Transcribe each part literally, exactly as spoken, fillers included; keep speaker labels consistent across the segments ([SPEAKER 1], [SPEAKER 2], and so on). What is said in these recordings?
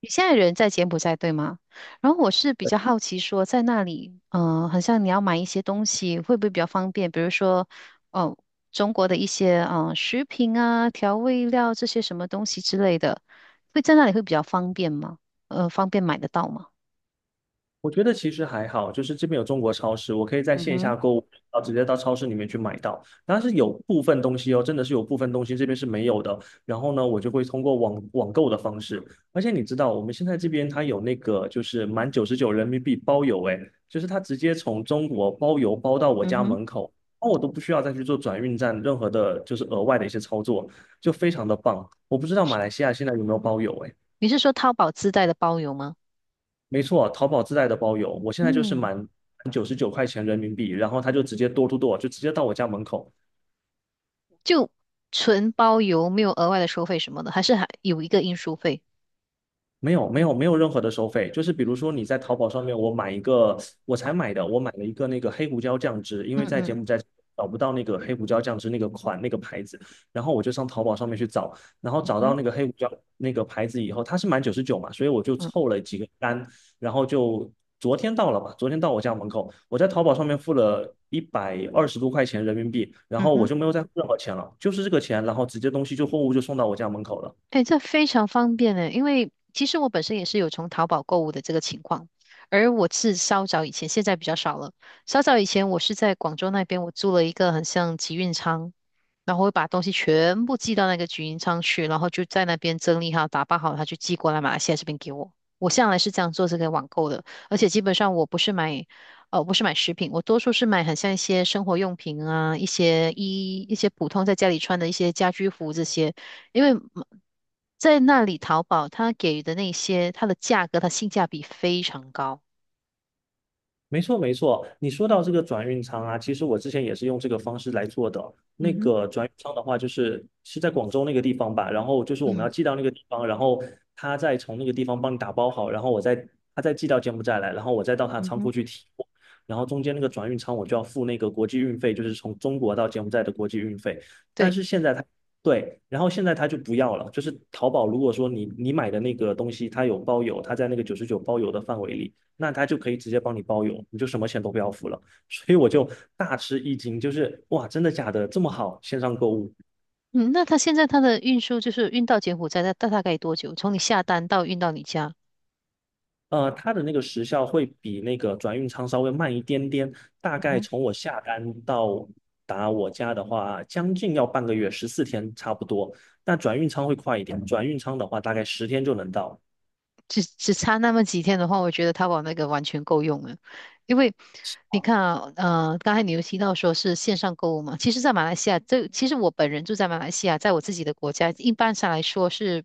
[SPEAKER 1] 你现在人在柬埔寨对吗？然后我是比较好奇说，在那里，嗯、呃好像你要买一些东西，会不会比较方便？比如说，哦，中国的一些嗯、呃食品啊、调味料这些什么东西之类的，会在那里会比较方便吗？呃，方便买得到吗？
[SPEAKER 2] 我觉得其实还好，就是这边有中国超市，我可以在
[SPEAKER 1] 嗯
[SPEAKER 2] 线
[SPEAKER 1] 哼，
[SPEAKER 2] 下购物，然后直接到超市里面去买到。但是有部分东西哦，真的是有部分东西这边是没有的。然后呢，我就会通过网网购的方式。而且你知道，我们现在这边它有那个就是满九十九人民币包邮，诶，就是它直接从中国包邮包到我
[SPEAKER 1] 嗯
[SPEAKER 2] 家
[SPEAKER 1] 哼，
[SPEAKER 2] 门口，那我都不需要再去做转运站任何的，就是额外的一些操作，就非常的棒。我不知道马
[SPEAKER 1] 是，
[SPEAKER 2] 来西亚现在有没有包邮，诶。
[SPEAKER 1] 你是说淘宝自带的包邮吗？
[SPEAKER 2] 没错，淘宝自带的包邮，我现在就是
[SPEAKER 1] 嗯，
[SPEAKER 2] 满九十九块钱人民币，然后他就直接 d o o 就直接到我家门口，
[SPEAKER 1] 就纯包邮，没有额外的收费什么的，还是还有一个运输费？
[SPEAKER 2] 没有没有没有任何的收费，就是比如说你在淘宝上面，我买一个，我才买的，我买了一个那个黑胡椒酱汁，因
[SPEAKER 1] 嗯
[SPEAKER 2] 为在
[SPEAKER 1] 嗯
[SPEAKER 2] 柬埔寨找不到那个黑胡椒酱汁那个款那个牌子，然后我就上淘宝上面去找，然后
[SPEAKER 1] 嗯
[SPEAKER 2] 找到
[SPEAKER 1] 哼
[SPEAKER 2] 那个黑胡椒那个牌子以后，它是满九十九嘛，所以我就
[SPEAKER 1] 嗯
[SPEAKER 2] 凑了几个单，然后就昨天到了吧，昨天到我家门口，我在淘宝上面付了一百二十多块钱人民币，然
[SPEAKER 1] 嗯
[SPEAKER 2] 后我
[SPEAKER 1] 哼。
[SPEAKER 2] 就没有再付任何钱了，就是这个钱，然后直接东西就货物就送到我家门口了。
[SPEAKER 1] 哎，这非常方便呢，因为其实我本身也是有从淘宝购物的这个情况，而我是稍早以前，现在比较少了。稍早以前，我是在广州那边，我租了一个很像集运仓，然后会把东西全部寄到那个集运仓去，然后就在那边整理好、打包好，他就寄过来马来西亚这边给我。我向来是这样做这个网购的，而且基本上我不是买，呃，不是买食品，我多数是买很像一些生活用品啊，一些衣，一些普通在家里穿的一些家居服这些。因为在那里淘宝，它给予的那些，它的价格，它性价比非常高。
[SPEAKER 2] 没错，没错。你说到这个转运仓啊，其实我之前也是用这个方式来做的。那
[SPEAKER 1] 嗯哼，
[SPEAKER 2] 个转运仓的话，就是是在广州那个地方吧，然后就是我们要
[SPEAKER 1] 嗯
[SPEAKER 2] 寄到那个地方，然后他再从那个地方帮你打包好，然后我再他再寄到柬埔寨来，然后我再到他
[SPEAKER 1] 嗯
[SPEAKER 2] 仓
[SPEAKER 1] 哼，
[SPEAKER 2] 库去提货，然后中间那个转运仓我就要付那个国际运费，就是从中国到柬埔寨的国际运费。但
[SPEAKER 1] 对，
[SPEAKER 2] 是现在他对，然后现在他就不要了，就是淘宝如果说你你买的那个东西它有包邮，它在那个九十九包邮的范围里。那他就可以直接帮你包邮，你就什么钱都不要付了。所以我就大吃一惊，就是哇，真的假的？这么好，线上购物。
[SPEAKER 1] 嗯，那它现在它的运输就是运到柬埔寨，它大大概多久？从你下单到运到你家？
[SPEAKER 2] 呃，它的那个时效会比那个转运仓稍微慢一点点，大
[SPEAKER 1] 嗯
[SPEAKER 2] 概
[SPEAKER 1] 哼。
[SPEAKER 2] 从我下单到达我家的话，将近要半个月，十四天差不多。但转运仓会快一点，转运仓的话大概十天就能到。
[SPEAKER 1] 只只差那么几天的话，我觉得淘宝那个完全够用了。因为你看啊，呃，刚才你有提到说是线上购物嘛，其实，在马来西亚，这其实我本人住在马来西亚，在我自己的国家，一般上来说是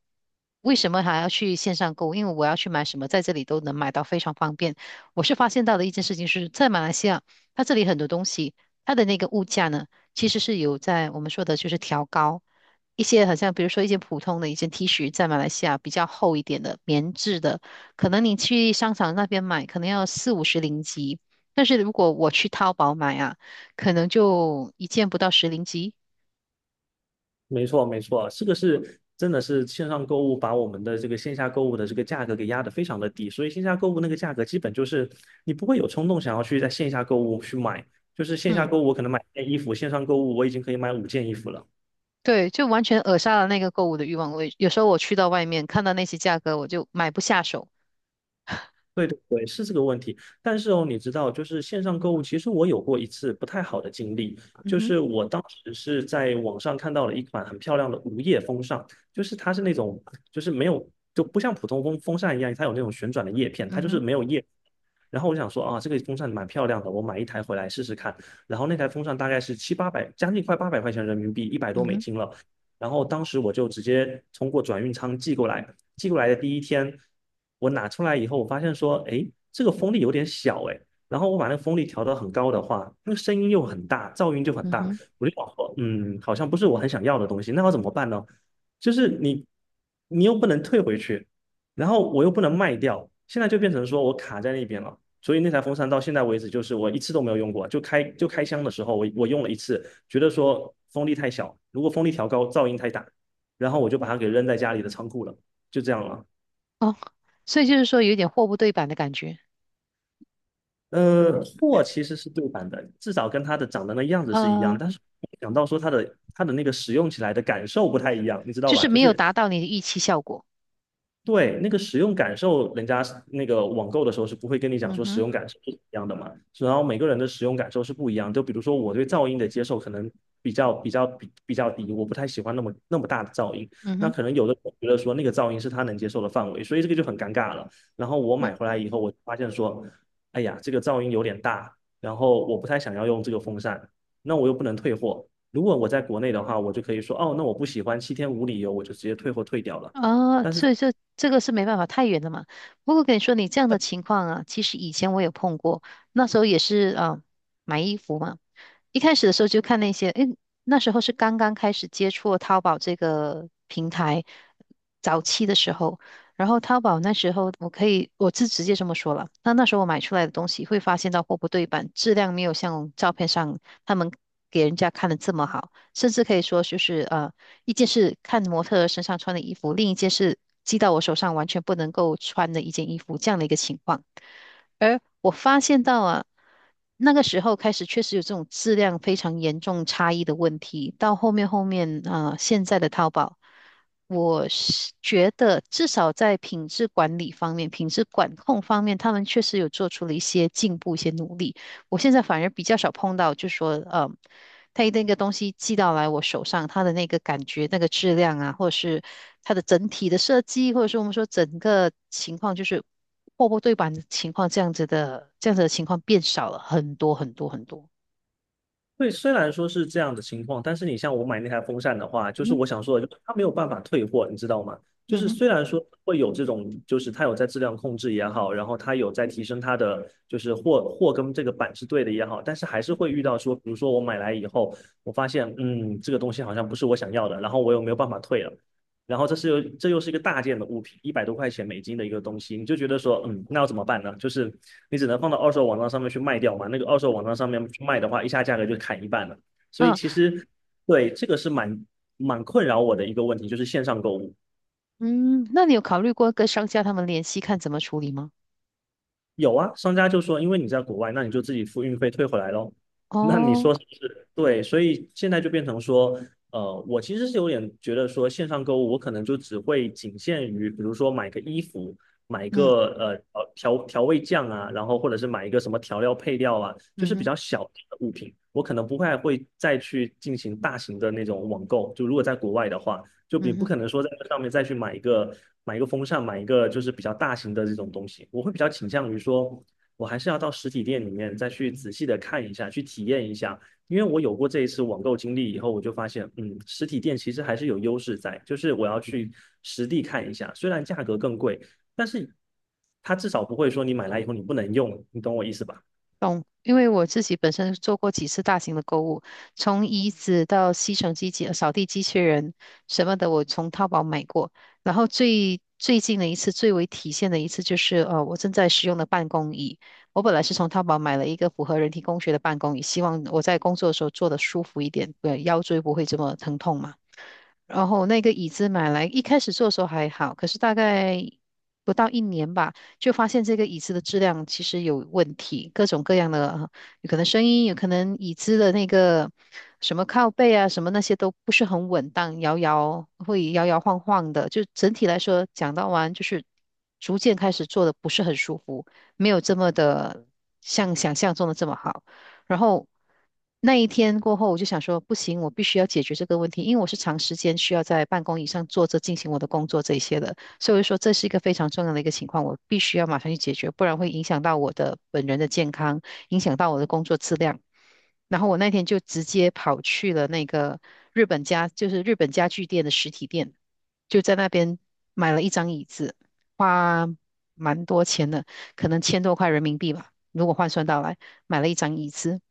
[SPEAKER 1] 为什么还要去线上购物？因为我要去买什么，在这里都能买到，非常方便。我是发现到的一件事情是，在马来西亚，它这里很多东西，它的那个物价呢，其实是有在我们说的就是调高。一些好像比如说一件普通的一件 T 恤，在马来西亚比较厚一点的棉质的，可能你去商场那边买，可能要四五十零吉，但是如果我去淘宝买啊，可能就一件不到十零吉。
[SPEAKER 2] 没错，没错，这个是真的是线上购物把我们的这个线下购物的这个价格给压得非常的低，所以线下购物那个价格基本就是你不会有冲动想要去在线下购物去买，就是线下
[SPEAKER 1] 嗯，
[SPEAKER 2] 购物我可能买一件衣服，线上购物我已经可以买五件衣服了。
[SPEAKER 1] 对，就完全扼杀了那个购物的欲望。我有时候我去到外面看到那些价格，我就买不下手。
[SPEAKER 2] 对对对，是这个问题。但是哦，你知道，就是线上购物，其实我有过一次不太好的经历，
[SPEAKER 1] 嗯
[SPEAKER 2] 就
[SPEAKER 1] 哼，
[SPEAKER 2] 是我当时是在网上看到了一款很漂亮的无叶风扇，就是它是那种，就是没有，就不像普通风风扇一样，它有那种旋转的叶片，它
[SPEAKER 1] 嗯
[SPEAKER 2] 就是
[SPEAKER 1] 哼，
[SPEAKER 2] 没有叶。然后我想说啊，这个风扇蛮漂亮的，我买一台回来试试看。然后那台风扇大概是七八百，将近快八百块钱人民币，一百
[SPEAKER 1] 嗯
[SPEAKER 2] 多美
[SPEAKER 1] 哼，
[SPEAKER 2] 金了。然后当时我就直接通过转运仓寄过来，寄过来的第一天，我拿出来以后，我发现说，哎，这个风力有点小，哎，然后我把那个风力调到很高的话，那个声音又很大，噪音就很
[SPEAKER 1] 嗯
[SPEAKER 2] 大，
[SPEAKER 1] 哼，
[SPEAKER 2] 我就想说，嗯，好像不是我很想要的东西，那要怎么办呢？就是你，你又不能退回去，然后我又不能卖掉，现在就变成说我卡在那边了。所以那台风扇到现在为止，就是我一次都没有用过，就开就开箱的时候我，我我用了一次，觉得说风力太小，如果风力调高，噪音太大，然后我就把它给扔在家里的仓库了。就这样了。
[SPEAKER 1] 哦，所以就是说有点货不对版的感觉，
[SPEAKER 2] 呃，货其实是对版的，至少跟它的长得那样子是一样，
[SPEAKER 1] 呃，
[SPEAKER 2] 但是想到说它的它的那个使用起来的感受不太一样，你知道
[SPEAKER 1] 就
[SPEAKER 2] 吧？
[SPEAKER 1] 是
[SPEAKER 2] 就
[SPEAKER 1] 没有
[SPEAKER 2] 是
[SPEAKER 1] 达到你的预期效果。
[SPEAKER 2] 对，那个使用感受，人家是那个网购的时候是不会跟你讲
[SPEAKER 1] 嗯
[SPEAKER 2] 说使
[SPEAKER 1] 哼，
[SPEAKER 2] 用感受是怎么样的嘛，然后每个人的使用感受是不一样。就比如说我对噪音的接受可能比较比较比比较低，我不太喜欢那么那么大的噪音。
[SPEAKER 1] 嗯
[SPEAKER 2] 那
[SPEAKER 1] 哼。
[SPEAKER 2] 可能有的人觉得说那个噪音是他能接受的范围，所以这个就很尴尬了。然后我
[SPEAKER 1] 嗯。
[SPEAKER 2] 买回来以后，我就发现说，哎呀，这个噪音有点大，然后我不太想要用这个风扇，那我又不能退货。如果我在国内的话，我就可以说，哦，那我不喜欢，七天无理由，我就直接退货退掉了。
[SPEAKER 1] 啊，
[SPEAKER 2] 但是
[SPEAKER 1] 所以这这个是没办法，太远了嘛。不过跟你说，你这样的情况啊，其实以前我有碰过，那时候也是啊，买衣服嘛。一开始的时候就看那些，诶，那时候是刚刚开始接触淘宝这个平台，早期的时候，然后淘宝那时候我可以，我是直接这么说了。那那时候我买出来的东西会发现到货不对版，质量没有像照片上他们给人家看的这么好，甚至可以说就是呃一件是看模特儿身上穿的衣服，另一件是寄到我手上完全不能够穿的一件衣服，这样的一个情况。而我发现到啊，那个时候开始确实有这种质量非常严重差异的问题。到后面后面啊、呃现在的淘宝，我是觉得至少在品质管理方面、品质管控方面，他们确实有做出了一些进步、一些努力。我现在反而比较少碰到，就说，呃，他一那个东西寄到来我手上，它的那个感觉、那个质量啊，或者是它的整体的设计，或者是我们说整个情况，就是货不对版的情况，这样子的这样子的情况变少了很多很多很多。
[SPEAKER 2] 对，虽然说是这样的情况，但是你像我买那台风扇的话，就
[SPEAKER 1] 嗯
[SPEAKER 2] 是
[SPEAKER 1] 哼
[SPEAKER 2] 我想说的，就是它没有办法退货，你知道吗？就
[SPEAKER 1] 嗯
[SPEAKER 2] 是
[SPEAKER 1] 哼，
[SPEAKER 2] 虽然说会有这种，就是它有在质量控制也好，然后它有在提升它的，就是货货跟这个板是对的也好，但是还是会遇到说，比如说我买来以后，我发现，嗯，这个东西好像不是我想要的，然后我又没有办法退了，然后这是又这又是一个大件的物品，一百多块钱美金的一个东西，你就觉得说，嗯，那要怎么办呢？就是你只能放到二手网站上面去卖掉嘛。那个二手网站上面去卖的话，一下价格就砍一半了。所以
[SPEAKER 1] 啊
[SPEAKER 2] 其实对这个是蛮蛮困扰我的一个问题，就是线上购物。
[SPEAKER 1] 嗯，那你有考虑过跟商家他们联系，看怎么处理吗？
[SPEAKER 2] 有啊，商家就说，因为你在国外，那你就自己付运费退回来咯。那你
[SPEAKER 1] 哦，
[SPEAKER 2] 说是不是？对，所以现在就变成说，呃，我其实是有点觉得说，线上购物我可能就只会仅限于，比如说买个衣服，买
[SPEAKER 1] 嗯
[SPEAKER 2] 个呃呃调调味酱啊，然后或者是买一个什么调料配料啊，就
[SPEAKER 1] 嗯
[SPEAKER 2] 是比
[SPEAKER 1] 哼
[SPEAKER 2] 较小的物品，我可能不会还会再去进行大型的那种网购。就如果在国外的话，就你
[SPEAKER 1] 嗯
[SPEAKER 2] 不
[SPEAKER 1] 哼。
[SPEAKER 2] 可能说在这上面再去买一个买一个风扇，买一个就是比较大型的这种东西。我会比较倾向于说，我还是要到实体店里面再去仔细的看一下，去体验一下。因为我有过这一次网购经历以后，我就发现，嗯，实体店其实还是有优势在，就是我要去实地看一下，虽然价格更贵，但是它至少不会说你买来以后你不能用，你懂我意思吧？
[SPEAKER 1] 懂，因为我自己本身做过几次大型的购物，从椅子到吸尘机器、呃扫地机器人什么的，我从淘宝买过。然后最最近的一次，最为体现的一次就是，呃，我正在使用的办公椅。我本来是从淘宝买了一个符合人体工学的办公椅，希望我在工作的时候坐得舒服一点，对，腰椎不会这么疼痛嘛。然后那个椅子买来，一开始做的时候还好，可是大概不到一年吧，就发现这个椅子的质量其实有问题，各种各样的，呃有可能声音，有可能椅子的那个什么靠背啊，什么那些都不是很稳当，摇摇会摇摇晃晃的。就整体来说，讲到完就是逐渐开始做的不是很舒服，没有这么的像想象中的这么好。然后那一天过后，我就想说，不行，我必须要解决这个问题，因为我是长时间需要在办公椅上坐着进行我的工作这一些的，所以我就说这是一个非常重要的一个情况，我必须要马上去解决，不然会影响到我的本人的健康，影响到我的工作质量。然后我那天就直接跑去了那个日本家，就是日本家具店的实体店，就在那边买了一张椅子，花蛮多钱的，可能千多块人民币吧，如果换算到来，买了一张椅子。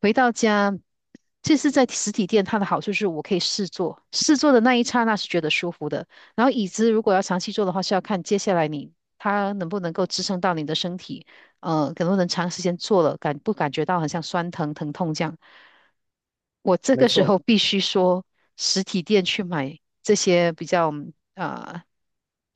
[SPEAKER 1] 回到家，这是在实体店，它的好处是我可以试坐，试坐的那一刹那是觉得舒服的。然后椅子如果要长期坐的话，是要看接下来你它能不能够支撑到你的身体。呃，可能能长时间做了，感不感觉到很像酸疼疼痛这样？我这
[SPEAKER 2] 没
[SPEAKER 1] 个时
[SPEAKER 2] 错，
[SPEAKER 1] 候必须说，实体店去买这些比较啊、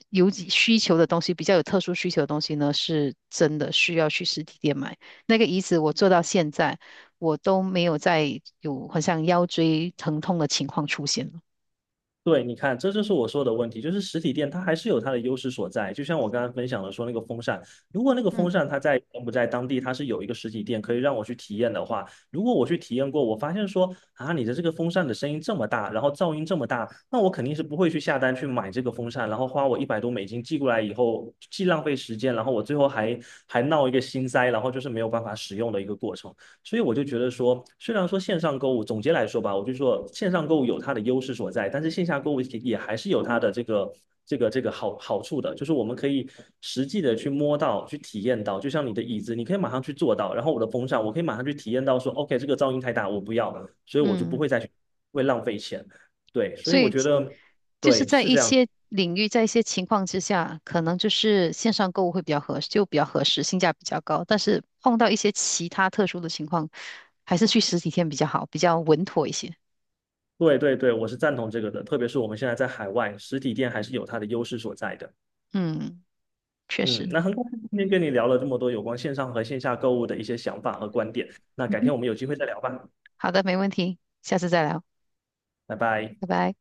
[SPEAKER 1] 有几需求的东西，比较有特殊需求的东西呢，是真的需要去实体店买。那个椅子我做到现在，我都没有再有好像腰椎疼痛的情况出现了。
[SPEAKER 2] 对，你看，这就是我说的问题，就是实体店它还是有它的优势所在。就像我刚刚分享的说那个风扇，如果那个风
[SPEAKER 1] 嗯
[SPEAKER 2] 扇它在柬埔寨当地它是有一个实体店可以让我去体验的话，如果我去体验过，我发现说啊，你的这个风扇的声音这么大，然后噪音这么大，那我肯定是不会去下单去买这个风扇，然后花我一百多美金寄过来以后，既浪费时间，然后我最后还还闹一个心塞，然后就是没有办法使用的一个过程。所以我就觉得说，虽然说线上购物，总结来说吧，我就说线上购物有它的优势所在，但是线下购物也还是有它的这个这个这个好好处的，就是我们可以实际的去摸到、去体验到，就像你的椅子，你可以马上去坐到，然后我的风扇，我可以马上去体验到说，OK，这个噪音太大，我不要，所以我就不
[SPEAKER 1] 嗯。
[SPEAKER 2] 会再去会浪费钱。对，所以
[SPEAKER 1] 所
[SPEAKER 2] 我
[SPEAKER 1] 以
[SPEAKER 2] 觉得
[SPEAKER 1] 就是
[SPEAKER 2] 对
[SPEAKER 1] 在
[SPEAKER 2] 是
[SPEAKER 1] 一
[SPEAKER 2] 这样，
[SPEAKER 1] 些领域，在一些情况之下，可能就是线上购物会比较合适，就比较合适，性价比较高。但是碰到一些其他特殊的情况，还是去实体店比较好，比较稳妥一些。
[SPEAKER 2] 对对对，我是赞同这个的，特别是我们现在在海外，实体店还是有它的优势所在的。
[SPEAKER 1] 嗯，确
[SPEAKER 2] 嗯，
[SPEAKER 1] 实。
[SPEAKER 2] 那很高兴今天跟你聊了这么多有关线上和线下购物的一些想法和观点。那
[SPEAKER 1] 嗯
[SPEAKER 2] 改
[SPEAKER 1] 哼。
[SPEAKER 2] 天我们有机会再聊吧，
[SPEAKER 1] 好的，没问题，下次再聊，
[SPEAKER 2] 拜拜。
[SPEAKER 1] 拜拜。